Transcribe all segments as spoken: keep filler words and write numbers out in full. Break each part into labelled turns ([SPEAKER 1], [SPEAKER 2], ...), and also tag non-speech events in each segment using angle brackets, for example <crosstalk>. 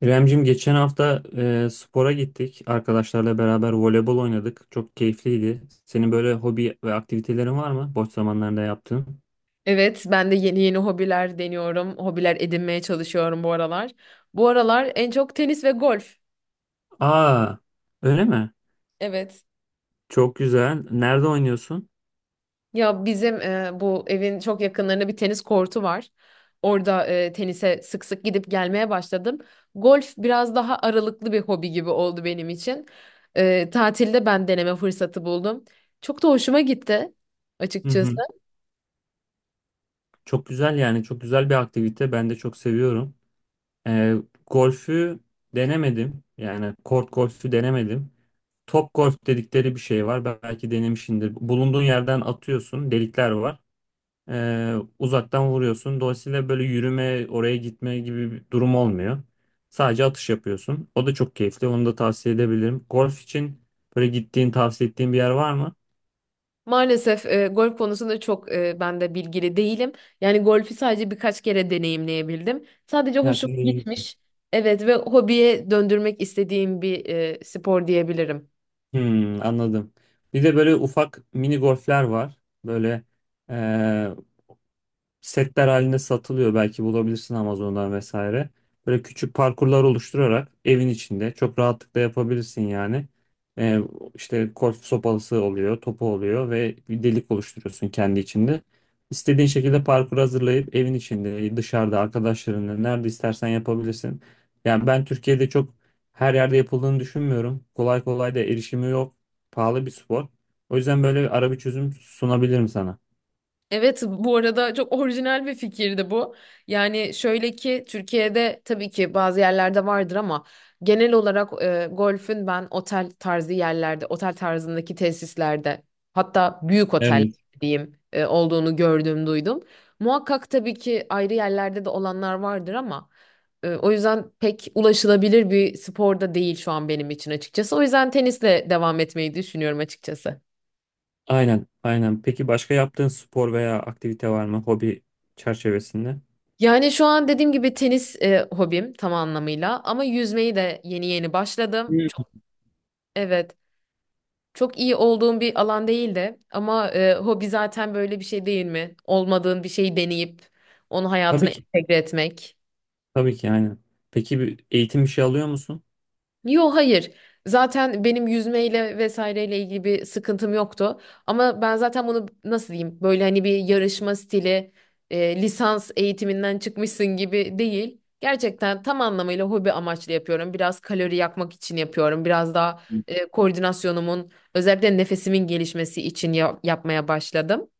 [SPEAKER 1] İremcim geçen hafta e, spora gittik. Arkadaşlarla beraber voleybol oynadık. Çok keyifliydi. Senin böyle hobi ve aktivitelerin var mı? Boş zamanlarında yaptığın.
[SPEAKER 2] Evet, ben de yeni yeni hobiler deniyorum. Hobiler edinmeye çalışıyorum bu aralar. Bu aralar en çok tenis ve golf.
[SPEAKER 1] Aa, öyle mi?
[SPEAKER 2] Evet.
[SPEAKER 1] Çok güzel. Nerede oynuyorsun?
[SPEAKER 2] Ya bizim e, bu evin çok yakınlarında bir tenis kortu var. Orada e, tenise sık sık gidip gelmeye başladım. Golf biraz daha aralıklı bir hobi gibi oldu benim için. E, tatilde ben deneme fırsatı buldum. Çok da hoşuma gitti
[SPEAKER 1] Hı
[SPEAKER 2] açıkçası.
[SPEAKER 1] hı. Çok güzel yani. Çok güzel bir aktivite. Ben de çok seviyorum. E, Golfü denemedim. Yani kort golfü denemedim. Top golf dedikleri bir şey var. Belki denemişsindir. Bulunduğun yerden atıyorsun. Delikler var. Ee, uzaktan vuruyorsun. Dolayısıyla böyle yürüme, oraya gitme gibi bir durum olmuyor. Sadece atış yapıyorsun. O da çok keyifli. Onu da tavsiye edebilirim. Golf için böyle gittiğin, tavsiye ettiğin bir yer var mı?
[SPEAKER 2] Maalesef e, golf konusunda çok e, ben de bilgili değilim. Yani golfi sadece birkaç kere deneyimleyebildim. Sadece
[SPEAKER 1] Ya
[SPEAKER 2] hoşuma
[SPEAKER 1] sen de-
[SPEAKER 2] gitmiş. Evet ve hobiye döndürmek istediğim bir e, spor diyebilirim.
[SPEAKER 1] Hmm, anladım. Bir de böyle ufak mini golfler var. Böyle setler halinde satılıyor. Belki bulabilirsin Amazon'dan vesaire. Böyle küçük parkurlar oluşturarak evin içinde çok rahatlıkla yapabilirsin yani. Ee, işte golf sopalısı oluyor, topu oluyor ve bir delik oluşturuyorsun kendi içinde. İstediğin şekilde parkur hazırlayıp evin içinde, dışarıda, arkadaşlarınla nerede istersen yapabilirsin. Yani ben Türkiye'de çok her yerde yapıldığını düşünmüyorum. Kolay kolay da erişimi yok. Pahalı bir spor. O yüzden böyle ara bir çözüm sunabilirim sana.
[SPEAKER 2] Evet, bu arada çok orijinal bir fikirdi bu. Yani şöyle ki Türkiye'de tabii ki bazı yerlerde vardır ama genel olarak e, golfün ben otel tarzı yerlerde, otel tarzındaki tesislerde, hatta büyük otel
[SPEAKER 1] Evet.
[SPEAKER 2] diyeyim e, olduğunu gördüm, duydum. Muhakkak tabii ki ayrı yerlerde de olanlar vardır ama e, o yüzden pek ulaşılabilir bir spor da değil şu an benim için açıkçası. O yüzden tenisle devam etmeyi düşünüyorum açıkçası.
[SPEAKER 1] Aynen, aynen. Peki başka yaptığın spor veya aktivite var mı hobi çerçevesinde?
[SPEAKER 2] Yani şu an dediğim gibi tenis e, hobim tam anlamıyla, ama yüzmeyi de yeni yeni başladım.
[SPEAKER 1] Hmm.
[SPEAKER 2] Çok evet. Çok iyi olduğum bir alan değil de ama e, hobi zaten böyle bir şey değil mi? Olmadığın bir şeyi deneyip onu hayatına
[SPEAKER 1] Tabii ki,
[SPEAKER 2] entegre etmek.
[SPEAKER 1] tabii ki aynen. Peki bir eğitim bir şey alıyor musun?
[SPEAKER 2] Yo, hayır. Zaten benim yüzmeyle vesaireyle ilgili bir sıkıntım yoktu. Ama ben zaten bunu nasıl diyeyim? Böyle hani bir yarışma stili, e, lisans eğitiminden çıkmışsın gibi değil. Gerçekten tam anlamıyla hobi amaçlı yapıyorum. Biraz kalori yakmak için yapıyorum. Biraz daha e, koordinasyonumun, özellikle nefesimin gelişmesi için ya- yapmaya başladım.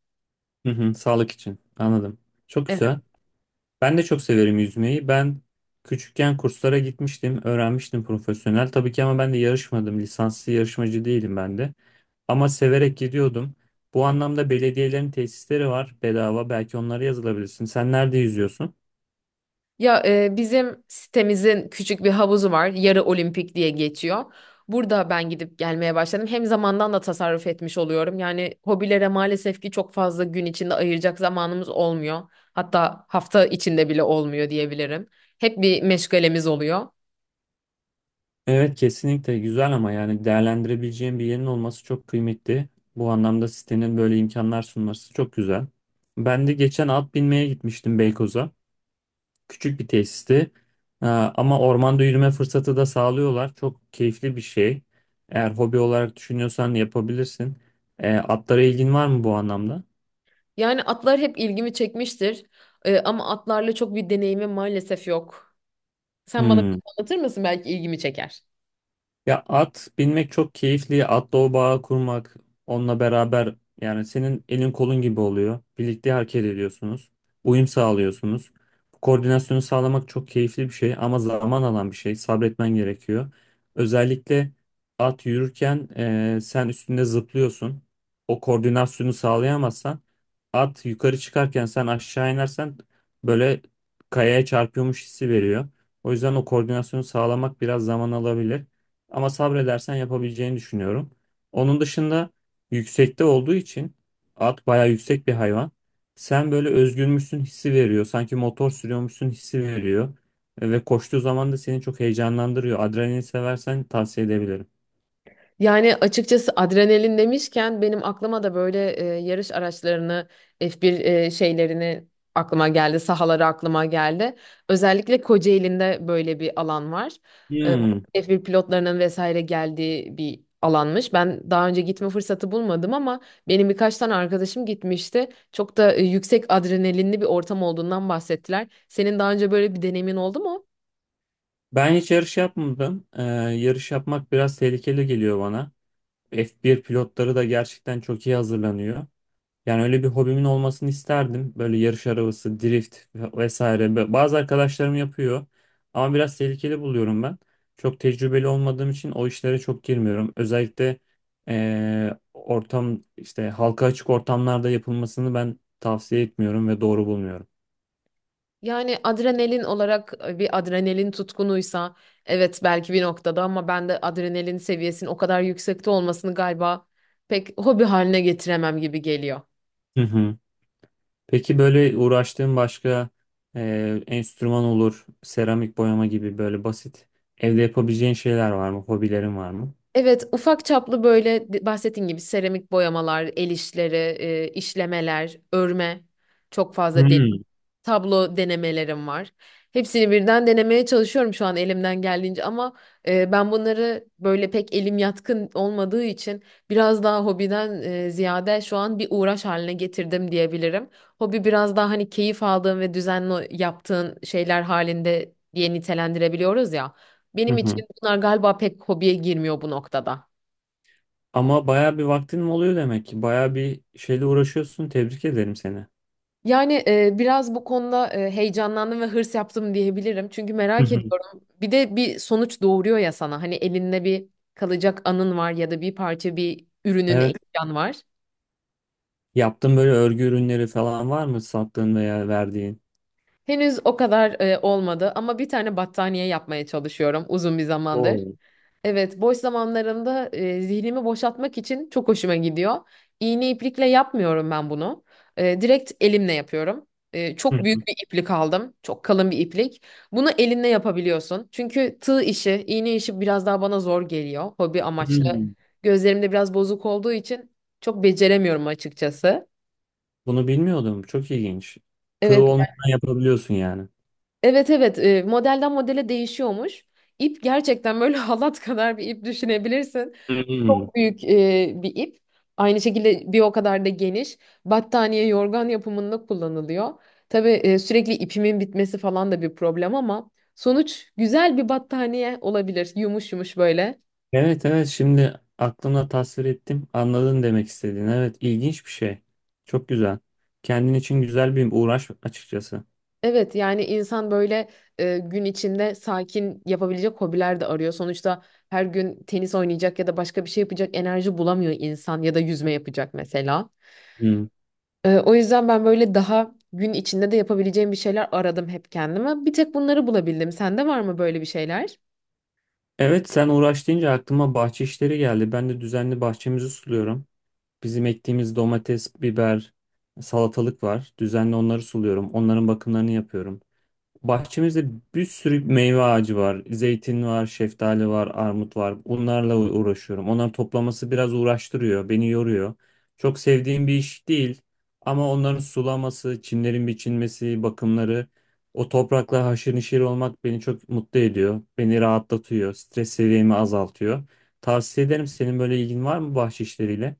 [SPEAKER 1] Hı hı, sağlık için. Anladım. Çok
[SPEAKER 2] Evet.
[SPEAKER 1] güzel. Ben de çok severim yüzmeyi. Ben küçükken kurslara gitmiştim, öğrenmiştim profesyonel. Tabii ki ama ben de yarışmadım. Lisanslı yarışmacı değilim ben de. Ama severek gidiyordum. Bu anlamda belediyelerin tesisleri var bedava. Belki onlara yazılabilirsin. Sen nerede yüzüyorsun?
[SPEAKER 2] Ya e, bizim sitemizin küçük bir havuzu var. Yarı olimpik diye geçiyor. Burada ben gidip gelmeye başladım. Hem zamandan da tasarruf etmiş oluyorum. Yani hobilere maalesef ki çok fazla gün içinde ayıracak zamanımız olmuyor. Hatta hafta içinde bile olmuyor diyebilirim. Hep bir meşgalemiz oluyor.
[SPEAKER 1] Evet kesinlikle güzel ama yani değerlendirebileceğin bir yerin olması çok kıymetli. Bu anlamda sitenin böyle imkanlar sunması çok güzel. Ben de geçen at binmeye gitmiştim Beykoz'a. Küçük bir tesisti. Ee, Ama ormanda yürüme fırsatı da sağlıyorlar. Çok keyifli bir şey. Eğer hobi olarak düşünüyorsan yapabilirsin. Ee, Atlara ilgin var mı bu anlamda?
[SPEAKER 2] Yani atlar hep ilgimi çekmiştir. Ee, ama atlarla çok bir deneyimim maalesef yok. Sen bana biraz
[SPEAKER 1] Hmm.
[SPEAKER 2] anlatır mısın? Belki ilgimi çeker.
[SPEAKER 1] Ya at binmek çok keyifli. Atla o bağı kurmak onunla beraber yani senin elin kolun gibi oluyor. Birlikte hareket ediyorsunuz. Uyum sağlıyorsunuz. Bu koordinasyonu sağlamak çok keyifli bir şey ama zaman alan bir şey. Sabretmen gerekiyor. Özellikle at yürürken eee, sen üstünde zıplıyorsun. O koordinasyonu sağlayamazsan at yukarı çıkarken sen aşağı inersen böyle kayaya çarpıyormuş hissi veriyor. O yüzden o koordinasyonu sağlamak biraz zaman alabilir. Ama sabredersen yapabileceğini düşünüyorum. Onun dışında yüksekte olduğu için at bayağı yüksek bir hayvan. Sen böyle özgürmüşsün hissi veriyor. Sanki motor sürüyormuşsun hissi veriyor. E, Ve koştuğu zaman da seni çok heyecanlandırıyor. Adrenalin seversen tavsiye edebilirim.
[SPEAKER 2] Yani açıkçası adrenalin demişken benim aklıma da böyle e, yarış araçlarını, F bir e, şeylerini aklıma geldi, sahaları aklıma geldi. Özellikle Kocaeli'nde böyle bir alan var.
[SPEAKER 1] Hmm.
[SPEAKER 2] E, F bir pilotlarının vesaire geldiği bir alanmış. Ben daha önce gitme fırsatı bulmadım ama benim birkaç tane arkadaşım gitmişti. Çok da e, yüksek adrenalinli bir ortam olduğundan bahsettiler. Senin daha önce böyle bir deneyimin oldu mu?
[SPEAKER 1] Ben hiç yarış yapmadım. Ee, yarış yapmak biraz tehlikeli geliyor bana. F bir pilotları da gerçekten çok iyi hazırlanıyor. Yani öyle bir hobimin olmasını isterdim. Böyle yarış arabası, drift vesaire. Be- Bazı arkadaşlarım yapıyor. Ama biraz tehlikeli buluyorum ben. Çok tecrübeli olmadığım için o işlere çok girmiyorum. Özellikle eee, ortam işte halka açık ortamlarda yapılmasını ben tavsiye etmiyorum ve doğru bulmuyorum.
[SPEAKER 2] Yani adrenalin olarak e, bir adrenalin tutkunuysa evet belki bir noktada, ama ben de adrenalin seviyesinin o kadar yüksekte olmasını galiba pek hobi haline getiremem gibi geliyor.
[SPEAKER 1] Hı hı. Peki böyle uğraştığın başka eee, enstrüman olur, seramik boyama gibi böyle basit evde yapabileceğin şeyler var mı? Hobilerin var mı?
[SPEAKER 2] Evet, ufak çaplı böyle de- bahsettiğin gibi seramik boyamalar, el işleri, e, işlemeler, örme, çok fazla
[SPEAKER 1] Hmm.
[SPEAKER 2] tablo denemelerim var. Hepsini birden denemeye çalışıyorum şu an elimden geldiğince, ama e, ben bunları böyle pek elim yatkın olmadığı için biraz daha hobiden e, ziyade şu an bir uğraş haline getirdim diyebilirim. Hobi biraz daha hani keyif aldığın ve düzenli yaptığın şeyler halinde diye nitelendirebiliyoruz ya.
[SPEAKER 1] Hı
[SPEAKER 2] Benim
[SPEAKER 1] hı.
[SPEAKER 2] için bunlar galiba pek hobiye girmiyor bu noktada.
[SPEAKER 1] Ama baya bir vaktin mi oluyor demek ki? Baya bir şeyle uğraşıyorsun. Tebrik ederim seni.
[SPEAKER 2] Yani e, biraz bu konuda e, heyecanlandım ve hırs yaptım diyebilirim. Çünkü
[SPEAKER 1] Hı
[SPEAKER 2] merak
[SPEAKER 1] hı.
[SPEAKER 2] ediyorum. Bir de bir sonuç doğuruyor ya sana. Hani elinde bir kalacak anın var ya da bir parça, bir ürünün,
[SPEAKER 1] Evet.
[SPEAKER 2] eşyan var.
[SPEAKER 1] Yaptığın böyle örgü ürünleri falan var mı sattığın veya verdiğin?
[SPEAKER 2] Henüz o kadar e, olmadı ama bir tane battaniye yapmaya çalışıyorum uzun bir zamandır.
[SPEAKER 1] Oo.
[SPEAKER 2] Evet, boş zamanlarımda e, zihnimi boşaltmak için çok hoşuma gidiyor. İğne iplikle yapmıyorum ben bunu. E, direkt elimle yapıyorum. E,
[SPEAKER 1] Hı.
[SPEAKER 2] çok
[SPEAKER 1] hı.
[SPEAKER 2] büyük bir iplik aldım. Çok kalın bir iplik. Bunu elinle yapabiliyorsun. Çünkü tığ işi, iğne işi biraz daha bana zor geliyor. Hobi amaçlı.
[SPEAKER 1] Hmm.
[SPEAKER 2] Gözlerim de biraz bozuk olduğu için çok beceremiyorum açıkçası.
[SPEAKER 1] Bunu bilmiyordum. Çok ilginç. Tığ
[SPEAKER 2] Evet,
[SPEAKER 1] olmadan yapabiliyorsun yani.
[SPEAKER 2] evet, evet. E, modelden modele değişiyormuş. İp gerçekten böyle <laughs> halat kadar bir ip düşünebilirsin.
[SPEAKER 1] Hmm.
[SPEAKER 2] Çok büyük e, bir ip. Aynı şekilde bir o kadar da geniş. Battaniye, yorgan yapımında kullanılıyor. Tabii e, sürekli ipimin bitmesi falan da bir problem, ama sonuç güzel bir battaniye olabilir. Yumuş yumuş böyle.
[SPEAKER 1] Evet evet şimdi aklımda tasvir ettim. Anladın demek istediğin. Evet ilginç bir şey. Çok güzel. Kendin için güzel bir uğraş açıkçası.
[SPEAKER 2] Evet, yani insan böyle e, gün içinde sakin yapabilecek hobiler de arıyor. Sonuçta her gün tenis oynayacak ya da başka bir şey yapacak enerji bulamıyor insan, ya da yüzme yapacak mesela.
[SPEAKER 1] Hmm.
[SPEAKER 2] Ee, o yüzden ben böyle daha gün içinde de yapabileceğim bir şeyler aradım hep kendime. Bir tek bunları bulabildim. Sende var mı böyle bir şeyler?
[SPEAKER 1] Evet sen uğraş deyince aklıma bahçe işleri geldi. Ben de düzenli bahçemizi suluyorum. Bizim ektiğimiz domates, biber, salatalık var. Düzenli onları suluyorum. Onların bakımlarını yapıyorum. Bahçemizde bir sürü meyve ağacı var. Zeytin var, şeftali var, armut var. Bunlarla u- uğraşıyorum. Onları toplaması biraz uğraştırıyor, beni yoruyor. Çok sevdiğim bir iş değil. Ama onların sulaması, çimlerin biçilmesi, bakımları, o toprakla haşır neşir olmak beni çok mutlu ediyor. Beni rahatlatıyor, stres seviyemi azaltıyor. Tavsiye ederim. Senin böyle ilgin var mı bahçe işleriyle?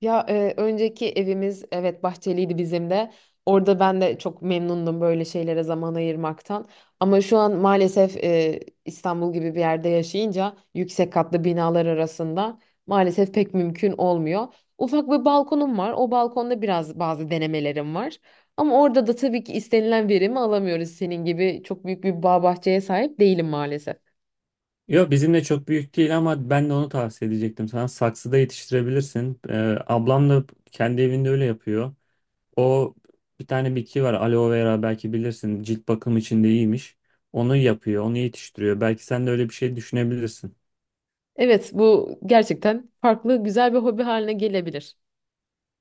[SPEAKER 2] Ya e, önceki evimiz evet bahçeliydi bizim de. Orada ben de çok memnundum böyle şeylere zaman ayırmaktan. Ama şu an maalesef e, İstanbul gibi bir yerde yaşayınca yüksek katlı binalar arasında maalesef pek mümkün olmuyor. Ufak bir balkonum var. O balkonda biraz bazı denemelerim var. Ama orada da tabii ki istenilen verimi alamıyoruz. Senin gibi çok büyük bir bağ bahçeye sahip değilim maalesef.
[SPEAKER 1] Yok bizim de çok büyük değil ama ben de onu tavsiye edecektim sana. Saksıda yetiştirebilirsin. Ee, ablam da kendi evinde öyle yapıyor. O bir tane bitki var aloe vera belki bilirsin. Cilt bakım için de iyiymiş. Onu yapıyor, onu yetiştiriyor. Belki sen de öyle bir şey düşünebilirsin.
[SPEAKER 2] Evet, bu gerçekten farklı, güzel bir hobi haline gelebilir.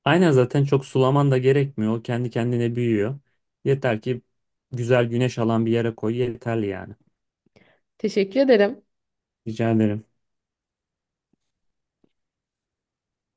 [SPEAKER 1] Aynen zaten çok sulaman da gerekmiyor. O kendi kendine büyüyor. Yeter ki güzel güneş alan bir yere koy yeterli yani.
[SPEAKER 2] Teşekkür ederim.
[SPEAKER 1] Rica ederim.